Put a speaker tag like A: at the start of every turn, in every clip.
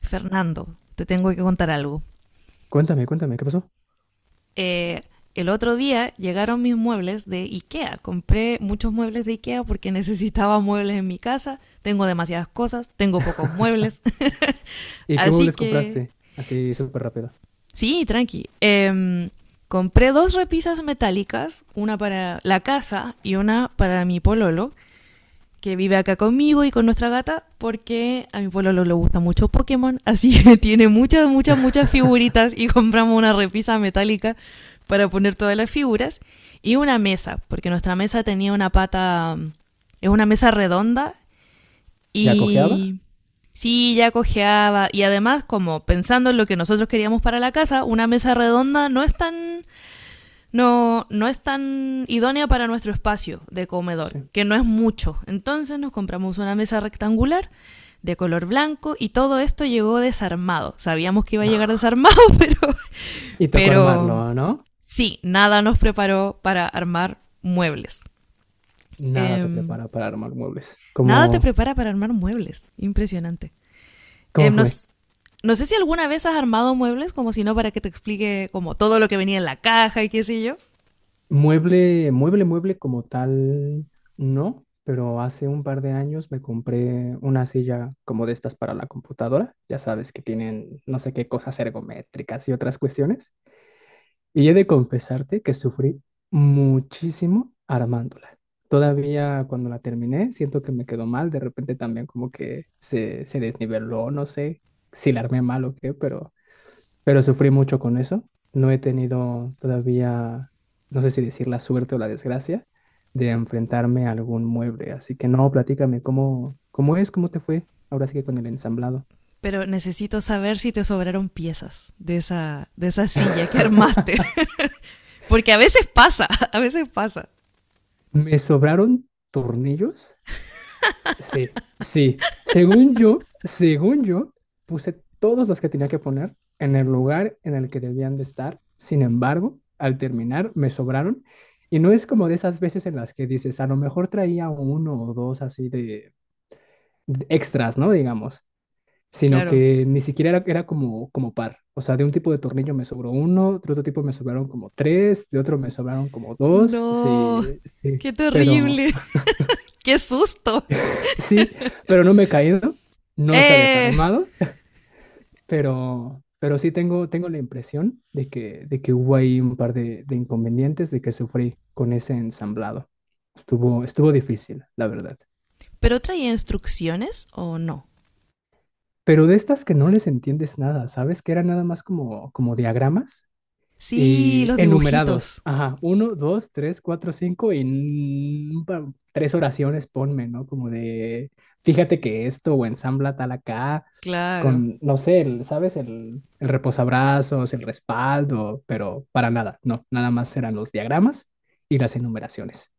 A: Fernando, te tengo que contar algo.
B: Cuéntame, cuéntame, ¿qué pasó?
A: Eh, el otro día llegaron mis muebles de IKEA. Compré muchos muebles de IKEA porque necesitaba muebles en mi casa. Tengo demasiadas cosas, tengo pocos muebles.
B: ¿Y qué
A: Así
B: muebles
A: que,
B: compraste? Así súper rápido.
A: sí, tranqui. Compré dos repisas metálicas, una para la casa y una para mi pololo, que vive acá conmigo y con nuestra gata, porque a mi pueblo le gusta mucho Pokémon, así que tiene muchas, muchas, muchas figuritas y compramos una repisa metálica para poner todas las figuras y una mesa, porque nuestra mesa tenía una pata, es una mesa redonda
B: ¿Ya cojeaba?
A: y sí, ya cojeaba. Y además, como pensando en lo que nosotros queríamos para la casa, una mesa redonda no es tan, no, no es tan idónea para nuestro espacio de comedor,
B: Sí.
A: que no es mucho. Entonces nos compramos una mesa rectangular de color blanco y todo esto llegó desarmado. Sabíamos que iba a llegar desarmado, pero,
B: Y tocó
A: pero
B: armarlo, ¿no?
A: sí, nada nos preparó para armar muebles.
B: Nada
A: Eh,
B: te prepara para armar muebles.
A: Nada te
B: ¿Cómo,
A: prepara para armar muebles. Impresionante. Eh,
B: cómo fue?
A: nos, no sé si alguna vez has armado muebles, como si no, para que te explique como todo lo que venía en la caja y qué sé yo.
B: Mueble, mueble, mueble como tal, no, pero hace un par de años me compré una silla como de estas para la computadora. Ya sabes que tienen no sé qué cosas ergométricas y otras cuestiones. Y he de confesarte que sufrí muchísimo armándola. Todavía cuando la terminé, siento que me quedó mal. De repente también como que se desniveló, no sé si la armé mal o qué, pero sufrí mucho con eso. No he tenido todavía, no sé si decir la suerte o la desgracia, de enfrentarme a algún mueble. Así que no, platícame, ¿cómo es? ¿Cómo te fue? Ahora sí que con el ensamblado.
A: Pero necesito saber si te sobraron piezas de esa silla que armaste. Porque a veces pasa, a veces pasa.
B: Me sobraron tornillos. Sí, sí. Según yo, puse todos los que tenía que poner en el lugar en el que debían de estar. Sin embargo, al terminar, me sobraron. Y no es como de esas veces en las que dices, a lo mejor traía uno o dos así de extras, ¿no? Digamos. Sino
A: Claro.
B: que ni siquiera era como, como par. O sea, de un tipo de tornillo me sobró uno, de otro tipo me sobraron como tres, de otro me sobraron como dos.
A: No,
B: Sí, sí,
A: qué
B: pero.
A: terrible. Qué susto.
B: Sí, pero no me he caído, no se ha
A: Eh,
B: desarmado, pero sí tengo, tengo la impresión de que hubo ahí un par de inconvenientes de que sufrí con ese ensamblado. Estuvo, estuvo difícil, la verdad.
A: ¿Pero traía instrucciones o no?
B: Pero de estas que no les entiendes nada, ¿sabes? Que eran nada más como, como diagramas.
A: Sí,
B: Y
A: los
B: enumerados.
A: dibujitos.
B: Ajá, uno, dos, tres, cuatro, cinco y mm, pa- tres oraciones ponme, ¿no? Como de, fíjate que esto o ensambla tal acá,
A: Claro.
B: con, no sé, ¿sabes? El reposabrazos, el respaldo, pero para nada, no, nada más eran los diagramas y las enumeraciones.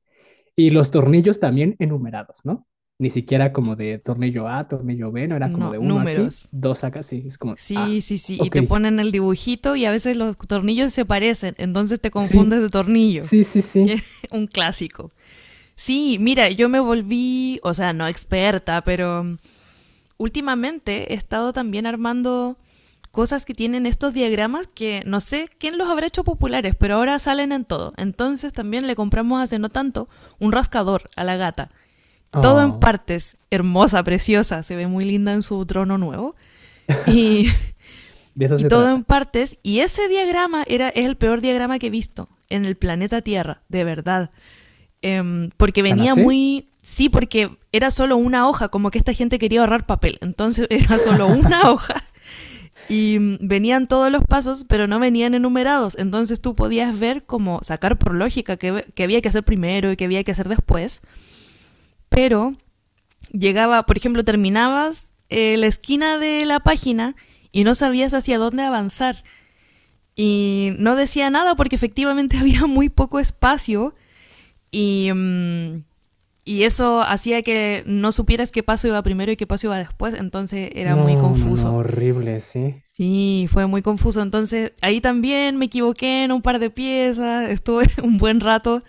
B: Y los tornillos también enumerados, ¿no? Ni siquiera como de tornillo A, tornillo B, no era como
A: No,
B: de uno aquí,
A: números.
B: dos acá, sí, es como,
A: Sí,
B: ah,
A: sí, sí. Y
B: ok,
A: te ponen el dibujito y a veces los tornillos se parecen, entonces te
B: sí.
A: confundes de tornillo,
B: Sí, sí,
A: que
B: sí.
A: es un clásico. Sí, mira, yo me volví, o sea, no experta, pero últimamente he estado también armando cosas que tienen estos diagramas que no sé quién los habrá hecho populares, pero ahora salen en todo. Entonces también le compramos hace no tanto un rascador a la gata. Todo en
B: Oh,
A: partes, hermosa, preciosa, se ve muy linda en su trono nuevo. Y
B: de eso
A: y
B: se
A: todo en
B: trata.
A: partes. Y ese diagrama era, es el peor diagrama que he visto en el planeta Tierra, de verdad. Porque
B: ¿Tan
A: venía
B: así?
A: muy... Sí, porque era solo una hoja, como que esta gente quería ahorrar papel. Entonces era solo una hoja y venían todos los pasos, pero no venían enumerados. Entonces tú podías ver como sacar por lógica qué, qué había que hacer primero y qué había que hacer después. Pero llegaba, por ejemplo, terminabas la esquina de la página y no sabías hacia dónde avanzar. Y no decía nada porque efectivamente había muy poco espacio y, y eso hacía que no supieras qué paso iba primero y qué paso iba después, entonces era muy
B: No, no,
A: confuso.
B: no, horrible, sí,
A: Sí, fue muy confuso. Entonces ahí también me equivoqué en un par de piezas, estuve un buen rato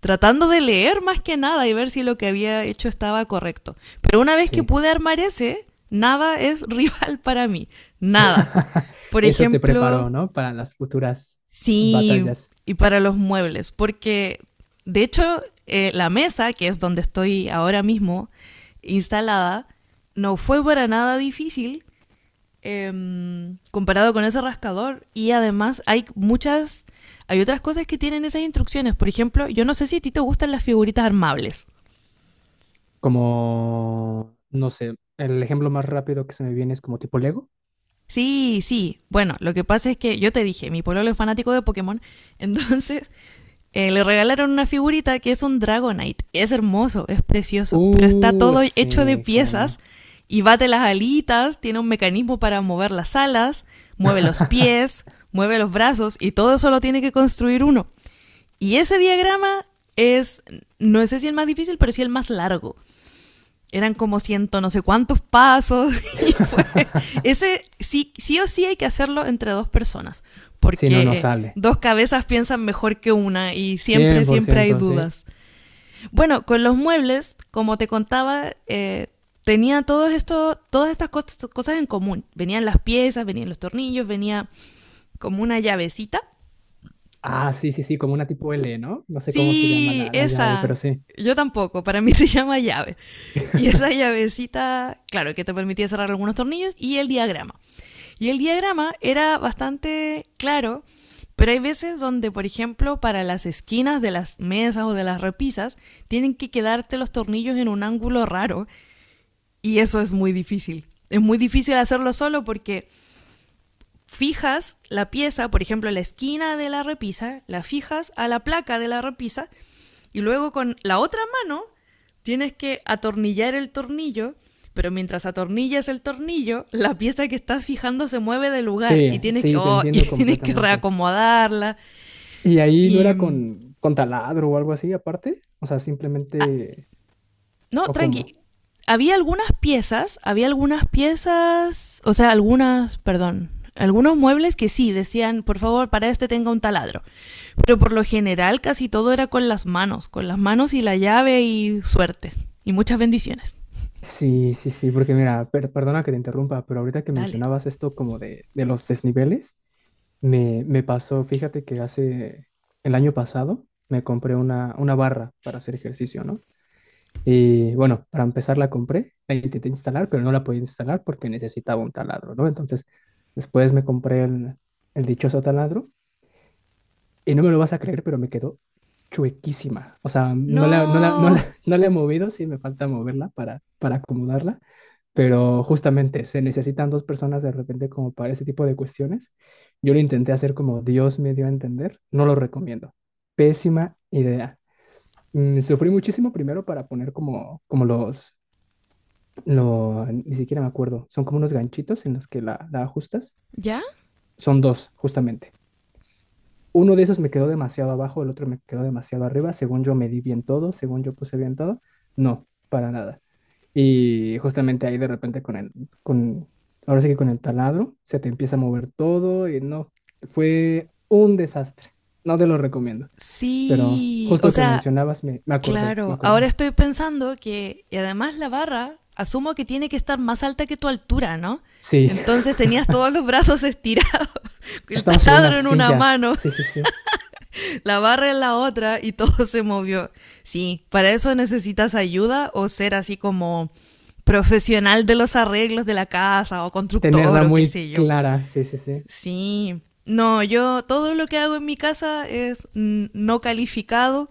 A: tratando de leer más que nada y ver si lo que había hecho estaba correcto. Pero una vez que
B: sí.
A: pude armar ese, nada es rival para mí, nada. Por
B: Eso te preparó,
A: ejemplo,
B: ¿no? Para las futuras
A: sí,
B: batallas.
A: y para los muebles, porque de hecho la mesa, que es donde estoy ahora mismo instalada, no fue para nada difícil comparado con ese rascador. Y además hay muchas, hay otras cosas que tienen esas instrucciones. Por ejemplo, yo no sé si a ti te gustan las figuritas armables.
B: Como, no sé, el ejemplo más rápido que se me viene es como tipo Lego.
A: Sí, sí. Bueno, lo que pasa es que yo te dije, mi pueblo es fanático de Pokémon, entonces le regalaron una figurita que es un Dragonite. Es hermoso, es precioso, pero está
B: Uh,
A: todo hecho de
B: sí, cómo
A: piezas
B: no.
A: y bate las alitas, tiene un mecanismo para mover las alas, mueve los pies, mueve los brazos y todo eso lo tiene que construir uno. Y ese diagrama es, no sé si el más difícil, pero sí el más largo. Eran como ciento no sé cuántos pasos y fue, ese sí, sí o sí hay que hacerlo entre dos personas,
B: Si no, no
A: porque
B: sale.
A: dos cabezas piensan mejor que una y siempre
B: cien por
A: siempre hay
B: ciento, sí.
A: dudas. Bueno, con los muebles, como te contaba, tenía todos estos, todas estas cosas en común. Venían las piezas, venían los tornillos, venía como una llavecita.
B: Ah, sí, sí, sí, como una tipo L, ¿no? No sé cómo se llama
A: Sí,
B: la, la llave, pero
A: esa.
B: sí.
A: Yo tampoco, para mí se llama llave. Y esa llavecita, claro, que te permitía cerrar algunos tornillos y el diagrama. Y el diagrama era bastante claro, pero hay veces donde, por ejemplo, para las esquinas de las mesas o de las repisas, tienen que quedarte los tornillos en un ángulo raro y eso es muy difícil. Es muy difícil hacerlo solo porque fijas la pieza, por ejemplo, la esquina de la repisa, la fijas a la placa de la repisa y luego con la otra mano tienes que atornillar el tornillo, pero mientras atornillas el tornillo, la pieza que estás fijando se mueve de lugar y
B: Sí,
A: tienes que,
B: sí, te
A: oh, y
B: entiendo
A: tienes que
B: completamente.
A: reacomodarla.
B: ¿Y ahí no era
A: Y.
B: con taladro o algo así aparte? O sea,
A: ah,
B: simplemente,
A: no,
B: ¿o cómo?
A: tranqui. Había algunas piezas, o sea, algunas, perdón, Algunos muebles que sí decían, por favor, para este tenga un taladro. Pero por lo general casi todo era con las manos y la llave y suerte. Y muchas bendiciones.
B: Sí, sí, sí, porque mira, perdona que te interrumpa, pero ahorita que
A: Dale.
B: mencionabas esto como de los desniveles, me pasó, fíjate que hace el año pasado me compré una barra para hacer ejercicio, ¿no? Y bueno, para empezar la compré, la intenté instalar, pero no la podía instalar porque necesitaba un taladro, ¿no? Entonces, después me compré el dichoso taladro. Y no me lo vas a creer, pero me quedó chuequísima. O sea, no la, no la, no
A: No.
B: la, no la he movido, sí me falta moverla para acomodarla, pero justamente se necesitan dos personas de repente como para ese tipo de cuestiones. Yo lo intenté hacer como Dios me dio a entender, no lo recomiendo. Pésima idea. Sufrí muchísimo primero para poner como, como los, lo, ni siquiera me acuerdo, son como unos ganchitos en los que la ajustas.
A: ¿Ya?
B: Son dos, justamente. Uno de esos me quedó demasiado abajo, el otro me quedó demasiado arriba. Según yo medí bien todo, según yo puse bien todo. No, para nada. Y justamente ahí de repente con, ahora sí que con el taladro, se te empieza a mover todo y no, fue un desastre. No te lo recomiendo, pero
A: Sí, o
B: justo que
A: sea,
B: mencionabas, me
A: claro. Ahora
B: acordé.
A: estoy pensando que, y además la barra, asumo que tiene que estar más alta que tu altura, ¿no?
B: Sí,
A: Entonces tenías todos los brazos estirados, el
B: estaba sobre una
A: taladro en una
B: silla.
A: mano,
B: Sí, sí, sí.
A: la barra en la otra y todo se movió. Sí, para eso necesitas ayuda o ser así como profesional de los arreglos de la casa o constructor
B: Tenerla
A: o qué
B: muy
A: sé yo.
B: clara. Sí, sí, sí.
A: Sí, no, yo todo lo que hago en mi casa es no calificado.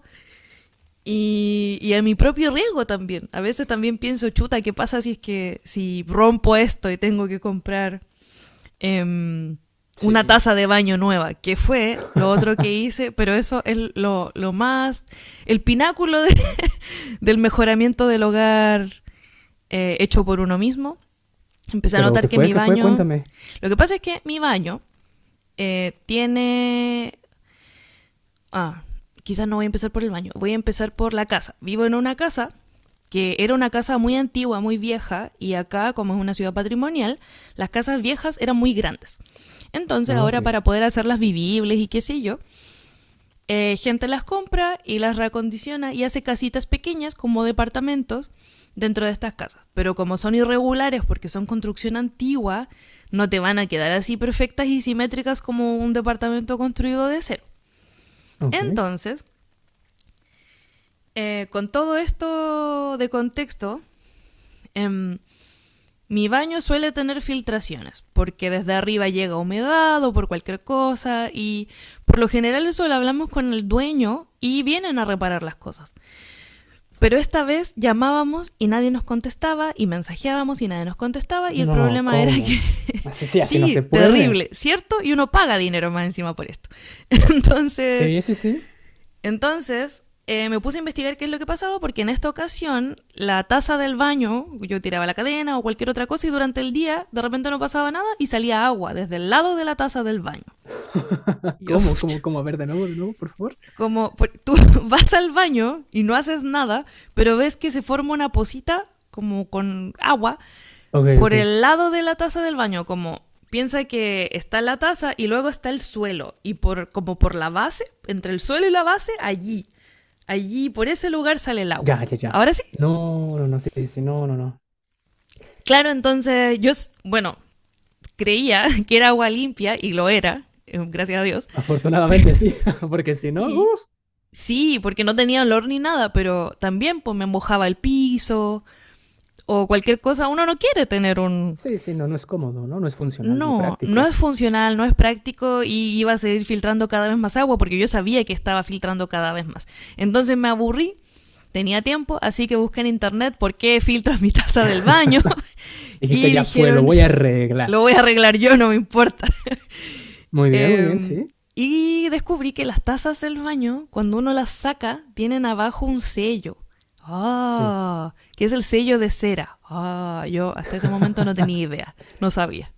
A: Y, y a mi propio riesgo también. A veces también pienso, chuta, ¿qué pasa si es que si rompo esto y tengo que comprar em, una
B: Sí.
A: taza de baño nueva? Que fue lo otro que hice, pero eso es lo más, el pináculo de del mejoramiento del hogar hecho por uno mismo. Empecé a
B: Pero, ¿qué
A: notar que
B: fue?
A: mi
B: ¿Qué fue?
A: baño,
B: Cuéntame.
A: lo que pasa es que mi baño eh, tiene ah, quizás no voy a empezar por el baño, voy a empezar por la casa. Vivo en una casa que era una casa muy antigua, muy vieja, y acá, como es una ciudad patrimonial, las casas viejas eran muy grandes. Entonces,
B: Ah, ok.
A: ahora para poder hacerlas vivibles y qué sé yo, gente las compra y las reacondiciona y hace casitas pequeñas como departamentos dentro de estas casas. Pero como son irregulares porque son construcción antigua, no te van a quedar así perfectas y simétricas como un departamento construido de cero.
B: Ok.
A: Entonces, con todo esto de contexto, em, mi baño suele tener filtraciones, porque desde arriba llega humedad o por cualquier cosa, y por lo general eso lo hablamos con el dueño y vienen a reparar las cosas. Pero esta vez llamábamos y nadie nos contestaba, y mensajeábamos y nadie nos contestaba, y el
B: No,
A: problema era que,
B: ¿cómo? Así sí, así no
A: sí,
B: se puede.
A: terrible, ¿cierto? Y uno paga dinero más encima por esto. Entonces,
B: Sí, sí, sí.
A: entonces, me puse a investigar qué es lo que pasaba, porque en esta ocasión la taza del baño, yo tiraba la cadena o cualquier otra cosa y durante el día de repente no pasaba nada y salía agua desde el lado de la taza del baño. Y yo,
B: ¿Cómo? A ver, de nuevo, por favor.
A: como pues, tú vas al baño y no haces nada, pero ves que se forma una pocita como con agua
B: Ok,
A: por
B: ok.
A: el lado de la taza del baño, como piensa que está la taza y luego está el suelo y por como por la base, entre el suelo y la base allí, allí, por ese lugar sale el
B: Ya,
A: agua.
B: ya, ya.
A: Ahora sí.
B: No, no, no, sí, sí, sí, no, no, no.
A: Claro, entonces yo, bueno, creía que era agua limpia y lo era, gracias a Dios.
B: Afortunadamente sí, porque si no,
A: Y
B: uff,
A: Sí, porque no tenía olor ni nada, pero también pues me mojaba el piso o cualquier cosa. Uno no quiere tener un...
B: sí, sí, no, no es cómodo, ¿no? No es funcional ni
A: No, no
B: práctico.
A: es funcional, no es práctico y iba a seguir filtrando cada vez más agua porque yo sabía que estaba filtrando cada vez más. Entonces me aburrí, tenía tiempo, así que busqué en internet por qué filtro mi taza del baño
B: Dijiste,
A: y
B: ya fue, lo
A: dijeron,
B: voy a arreglar.
A: lo voy a arreglar yo, no me importa.
B: Muy bien,
A: Eh,
B: sí,
A: y descubrí que las tazas del baño, cuando uno las saca, tienen abajo un sello.
B: sí.
A: Ah, que es el sello de cera. Ah, yo hasta ese momento no tenía idea, no sabía.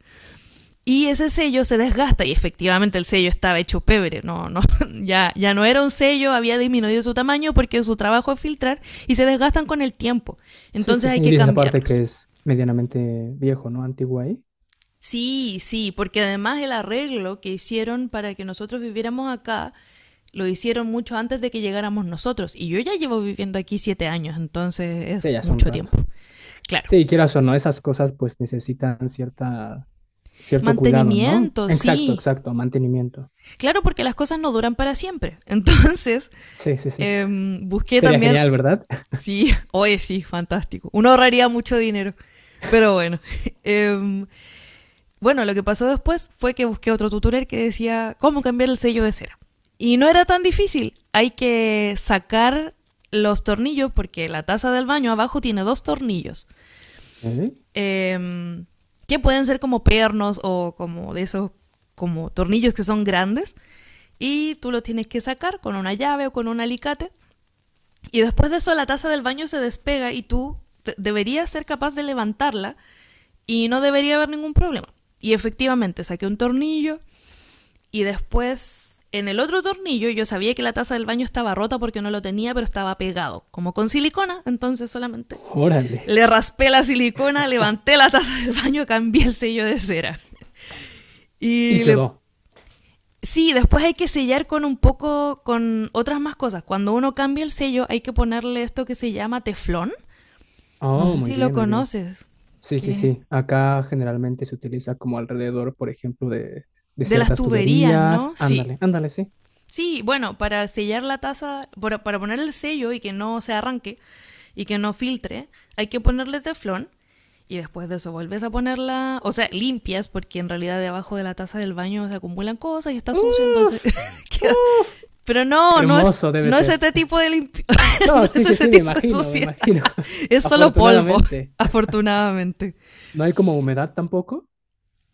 A: Y ese sello se desgasta y efectivamente el sello estaba hecho pebre, no, no, ya, ya no era un sello, había disminuido su tamaño porque su trabajo es filtrar y se desgastan con el tiempo.
B: Sí, sí,
A: Entonces hay
B: sí. Y
A: que
B: dices aparte
A: cambiarlos.
B: que es medianamente viejo, ¿no? Antiguo ahí.
A: Sí, sí, porque además el arreglo que hicieron para que nosotros viviéramos acá lo hicieron mucho antes de que llegáramos nosotros. Y yo ya llevo viviendo aquí 7 años, entonces es
B: Sí, ya hace un
A: mucho tiempo.
B: rato.
A: Claro.
B: Sí, quieras o no, esas cosas pues necesitan cierta cierto cuidado, ¿no?
A: Mantenimiento,
B: Exacto,
A: sí.
B: exacto, mantenimiento.
A: Claro, porque las cosas no duran para siempre. Entonces,
B: Sí, sí, sí.
A: busqué
B: Sería
A: también,
B: genial, ¿verdad?
A: sí, oye, sí, fantástico. Uno ahorraría mucho dinero. Pero bueno, em, bueno, lo que pasó después fue que busqué otro tutorial que decía cómo cambiar el sello de cera. Y no era tan difícil. Hay que sacar los tornillos porque la taza del baño abajo tiene dos tornillos.
B: Ok,
A: em, que pueden ser como pernos o como de esos como tornillos que son grandes. Y tú los tienes que sacar con una llave o con un alicate y después de eso la taza del baño se despega y tú deberías ser capaz de levantarla y no debería haber ningún problema. Y efectivamente saqué un tornillo y después en el otro tornillo yo sabía que la taza del baño estaba rota porque no lo tenía, pero estaba pegado, como con silicona, entonces solamente
B: órale.
A: le raspé la silicona,
B: Ah,
A: levanté la taza del baño, cambié el sello de cera.
B: y
A: Y le...
B: quedó.
A: Sí, después hay que sellar con un poco, con otras más cosas. Cuando uno cambia el sello hay que ponerle esto que se llama teflón, no
B: Oh,
A: sé
B: muy
A: si lo
B: bien, muy bien.
A: conoces.
B: Sí, sí,
A: ¿Qué?
B: sí. Acá generalmente se utiliza como alrededor, por ejemplo, de
A: De las
B: ciertas
A: tuberías,
B: tuberías.
A: ¿no? Sí.
B: Ándale, ándale, sí.
A: Sí, bueno, para sellar la taza, para poner el sello y que no se arranque y que no filtre, hay que ponerle teflón y después de eso vuelves a ponerla, o sea, limpias, porque en realidad debajo de la taza del baño se acumulan cosas y está sucio, entonces
B: Uf,
A: queda-
B: uf.
A: Pero no, no es,
B: Hermoso debe
A: no es
B: ser.
A: ese tipo de limpi-
B: No,
A: no
B: sí,
A: es
B: sí,
A: ese
B: sí, me
A: tipo de
B: imagino, me
A: suciedad,
B: imagino.
A: es solo polvo,
B: Afortunadamente.
A: afortunadamente.
B: ¿No hay como humedad tampoco?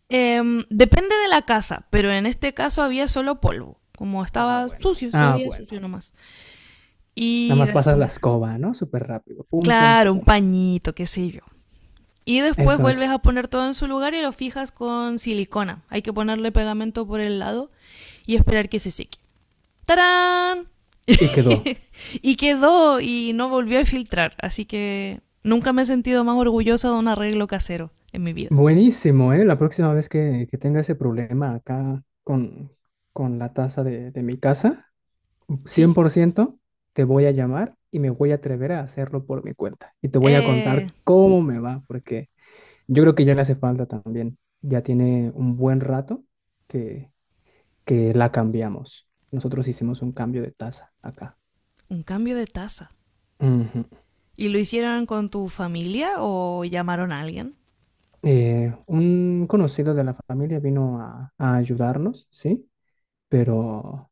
A: Depende de la casa, pero en este caso había solo polvo. Como
B: Ah,
A: estaba
B: bueno.
A: sucio, se
B: Ah,
A: veía sucio
B: bueno.
A: nomás.
B: Nada
A: Y
B: más pasas la
A: después,
B: escoba, ¿no? Súper rápido. Pum, pum,
A: claro, un
B: pum.
A: pañito, qué sé yo. Y después
B: Eso
A: vuelves
B: es.
A: a poner todo en su lugar y lo fijas con silicona. Hay que ponerle pegamento por el lado y esperar que se seque. ¡Tarán!
B: Y quedó.
A: Y quedó y no volvió a filtrar. Así que nunca me he sentido más orgullosa de un arreglo casero en mi vida.
B: Buenísimo, ¿eh? La próxima vez que tenga ese problema acá con la taza de mi casa,
A: ¿Sí?
B: 100% te voy a llamar y me voy a atrever a hacerlo por mi cuenta. Y te voy a
A: Eh,
B: contar cómo me va, porque yo creo que ya le hace falta también. Ya tiene un buen rato que, que la cambiamos. Nosotros hicimos un cambio de taza acá.
A: un cambio de taza.
B: Ujú.
A: ¿Y lo hicieron con tu familia o llamaron a alguien?
B: Un conocido de la familia vino a ayudarnos, ¿sí? Pero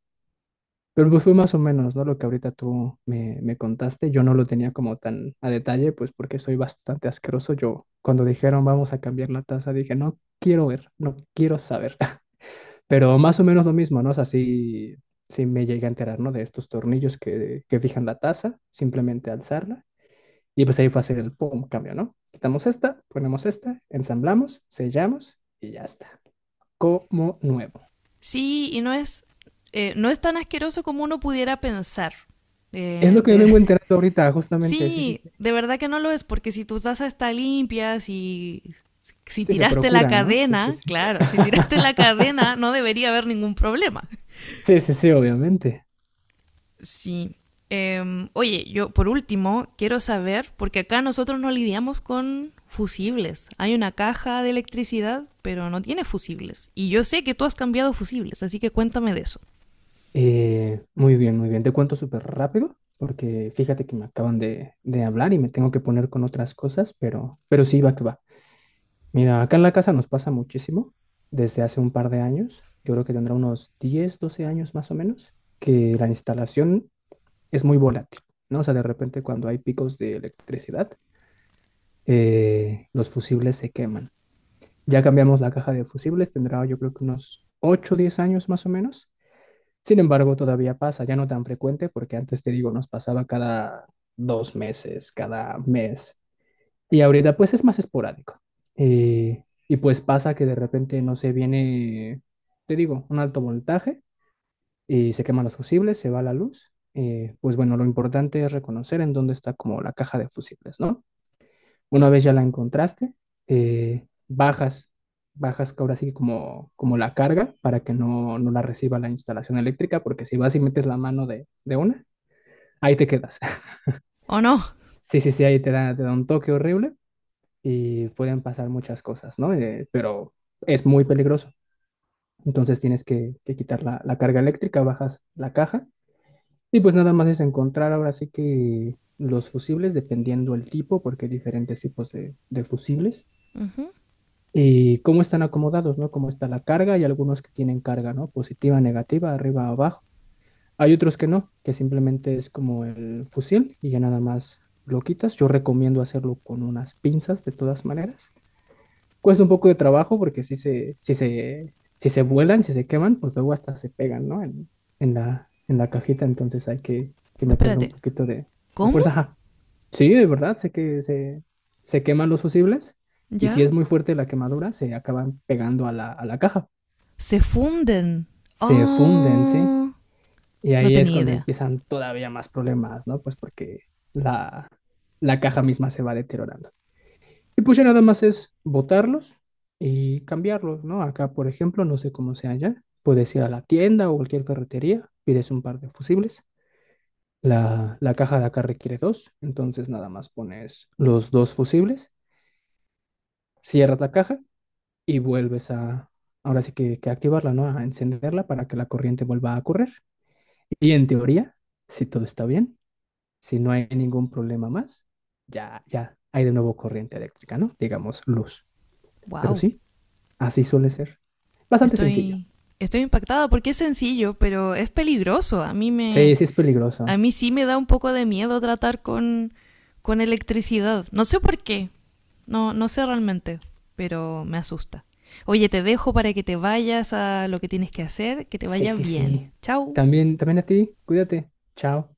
B: Pues fue más o menos, ¿no? Lo que ahorita tú me, me contaste, yo no lo tenía como tan a detalle, pues porque soy bastante asqueroso. Yo cuando dijeron vamos a cambiar la taza, dije, no quiero ver, no quiero saber. Pero más o menos lo mismo, ¿no? O sea, sí, sí me llegué a enterar, ¿no? De estos tornillos que fijan la taza, simplemente alzarla. Y pues ahí fue hacer el pum, cambio, ¿no? Quitamos esta, ponemos esta, ensamblamos, sellamos y ya está. Como nuevo.
A: Sí, y no es, no es tan asqueroso como uno pudiera pensar.
B: Es
A: Eh,
B: lo que me
A: de-
B: vengo enterando ahorita, justamente, sí, sí,
A: sí, de verdad que no lo es, porque si tu taza está limpia, si, si
B: sí, se
A: tiraste la
B: procura, ¿no? Sí, sí,
A: cadena,
B: sí.
A: claro, si tiraste la cadena no debería haber ningún problema.
B: Sí, sí, sí, obviamente.
A: Sí. Oye, yo por último quiero saber, porque acá nosotros no lidiamos con fusibles. Hay una caja de electricidad, pero no tiene fusibles. Y yo sé que tú has cambiado fusibles, así que cuéntame de eso.
B: Muy bien, muy bien. Te cuento súper rápido, porque fíjate que me acaban de hablar y me tengo que poner con otras cosas, pero sí, va que va. Mira, acá en la casa nos pasa muchísimo desde hace un par de años. Yo creo que tendrá unos 10, 12 años más o menos, que la instalación es muy volátil, ¿no? O sea, de repente cuando hay picos de electricidad, los fusibles se queman. Ya cambiamos la caja de fusibles, tendrá yo creo que unos 8 o 10 años más o menos. Sin embargo, todavía pasa, ya no tan frecuente, porque antes te digo, nos pasaba cada 2 meses, cada mes. Y ahorita pues es más esporádico. Eh, y pues pasa que de repente, no se viene, te digo, un alto voltaje y se queman los fusibles, se va la luz. Pues bueno, lo importante es reconocer en dónde está como la caja de fusibles, ¿no? Una vez ya la encontraste, bajas, bajas que ahora sí como, como la carga para que no, no la reciba la instalación eléctrica, porque si vas y metes la mano de una, ahí te quedas.
A: ¿O no?
B: Sí, sí, sí, ahí te da un toque horrible y pueden pasar muchas cosas, ¿no? Pero es muy peligroso. Entonces tienes que quitar la, la carga eléctrica, bajas la caja y pues nada más es encontrar ahora sí que los fusibles, dependiendo el tipo, porque hay diferentes tipos de fusibles
A: Ujú.
B: y cómo están acomodados, ¿no? Cómo está la carga y algunos que tienen carga, ¿no? Positiva, negativa, arriba, abajo. Hay otros que no, que simplemente es como el fusil y ya nada más lo quitas. Yo recomiendo hacerlo con unas pinzas de todas maneras. Cuesta un poco de trabajo porque si se vuelan, si se queman, pues luego hasta se pegan, ¿no? En la cajita, entonces hay que meterle un
A: Espérate.
B: poquito de
A: ¿Cómo?
B: fuerza. Ajá. Sí, de verdad, sé que se queman los fusibles y si
A: ¿Ya?
B: es muy fuerte la quemadura, se acaban pegando a la caja.
A: Se funden.
B: Se funden, ¿sí?
A: Oh,
B: Y
A: no
B: ahí es
A: tenía
B: cuando
A: idea.
B: empiezan todavía más problemas, ¿no? Pues porque la, la caja misma se va deteriorando. Y pues ya nada más es botarlos y cambiarlos, ¿no? Acá, por ejemplo, no sé cómo sea allá, puedes ir a la tienda o cualquier ferretería, pides un par de fusibles. La caja de acá requiere dos, entonces nada más pones los dos fusibles. Cierras la caja y vuelves a, ahora sí que activarla, ¿no? A encenderla para que la corriente vuelva a correr. Y en teoría, si todo está bien, si no hay ningún problema más, ya hay de nuevo corriente eléctrica, ¿no? Digamos luz. Pero
A: Wow.
B: sí, así suele ser. Bastante sencillo.
A: Estoy, estoy impactada porque es sencillo, pero es peligroso. A mí me,
B: Sí, sí es
A: a
B: peligroso.
A: mí sí me da un poco de miedo tratar con electricidad. No sé por qué, no, no sé realmente, pero me asusta. Oye, te dejo para que te vayas a lo que tienes que hacer, que te
B: Sí,
A: vaya
B: sí,
A: bien.
B: sí.
A: Chao.
B: También, también a ti, cuídate. Chao.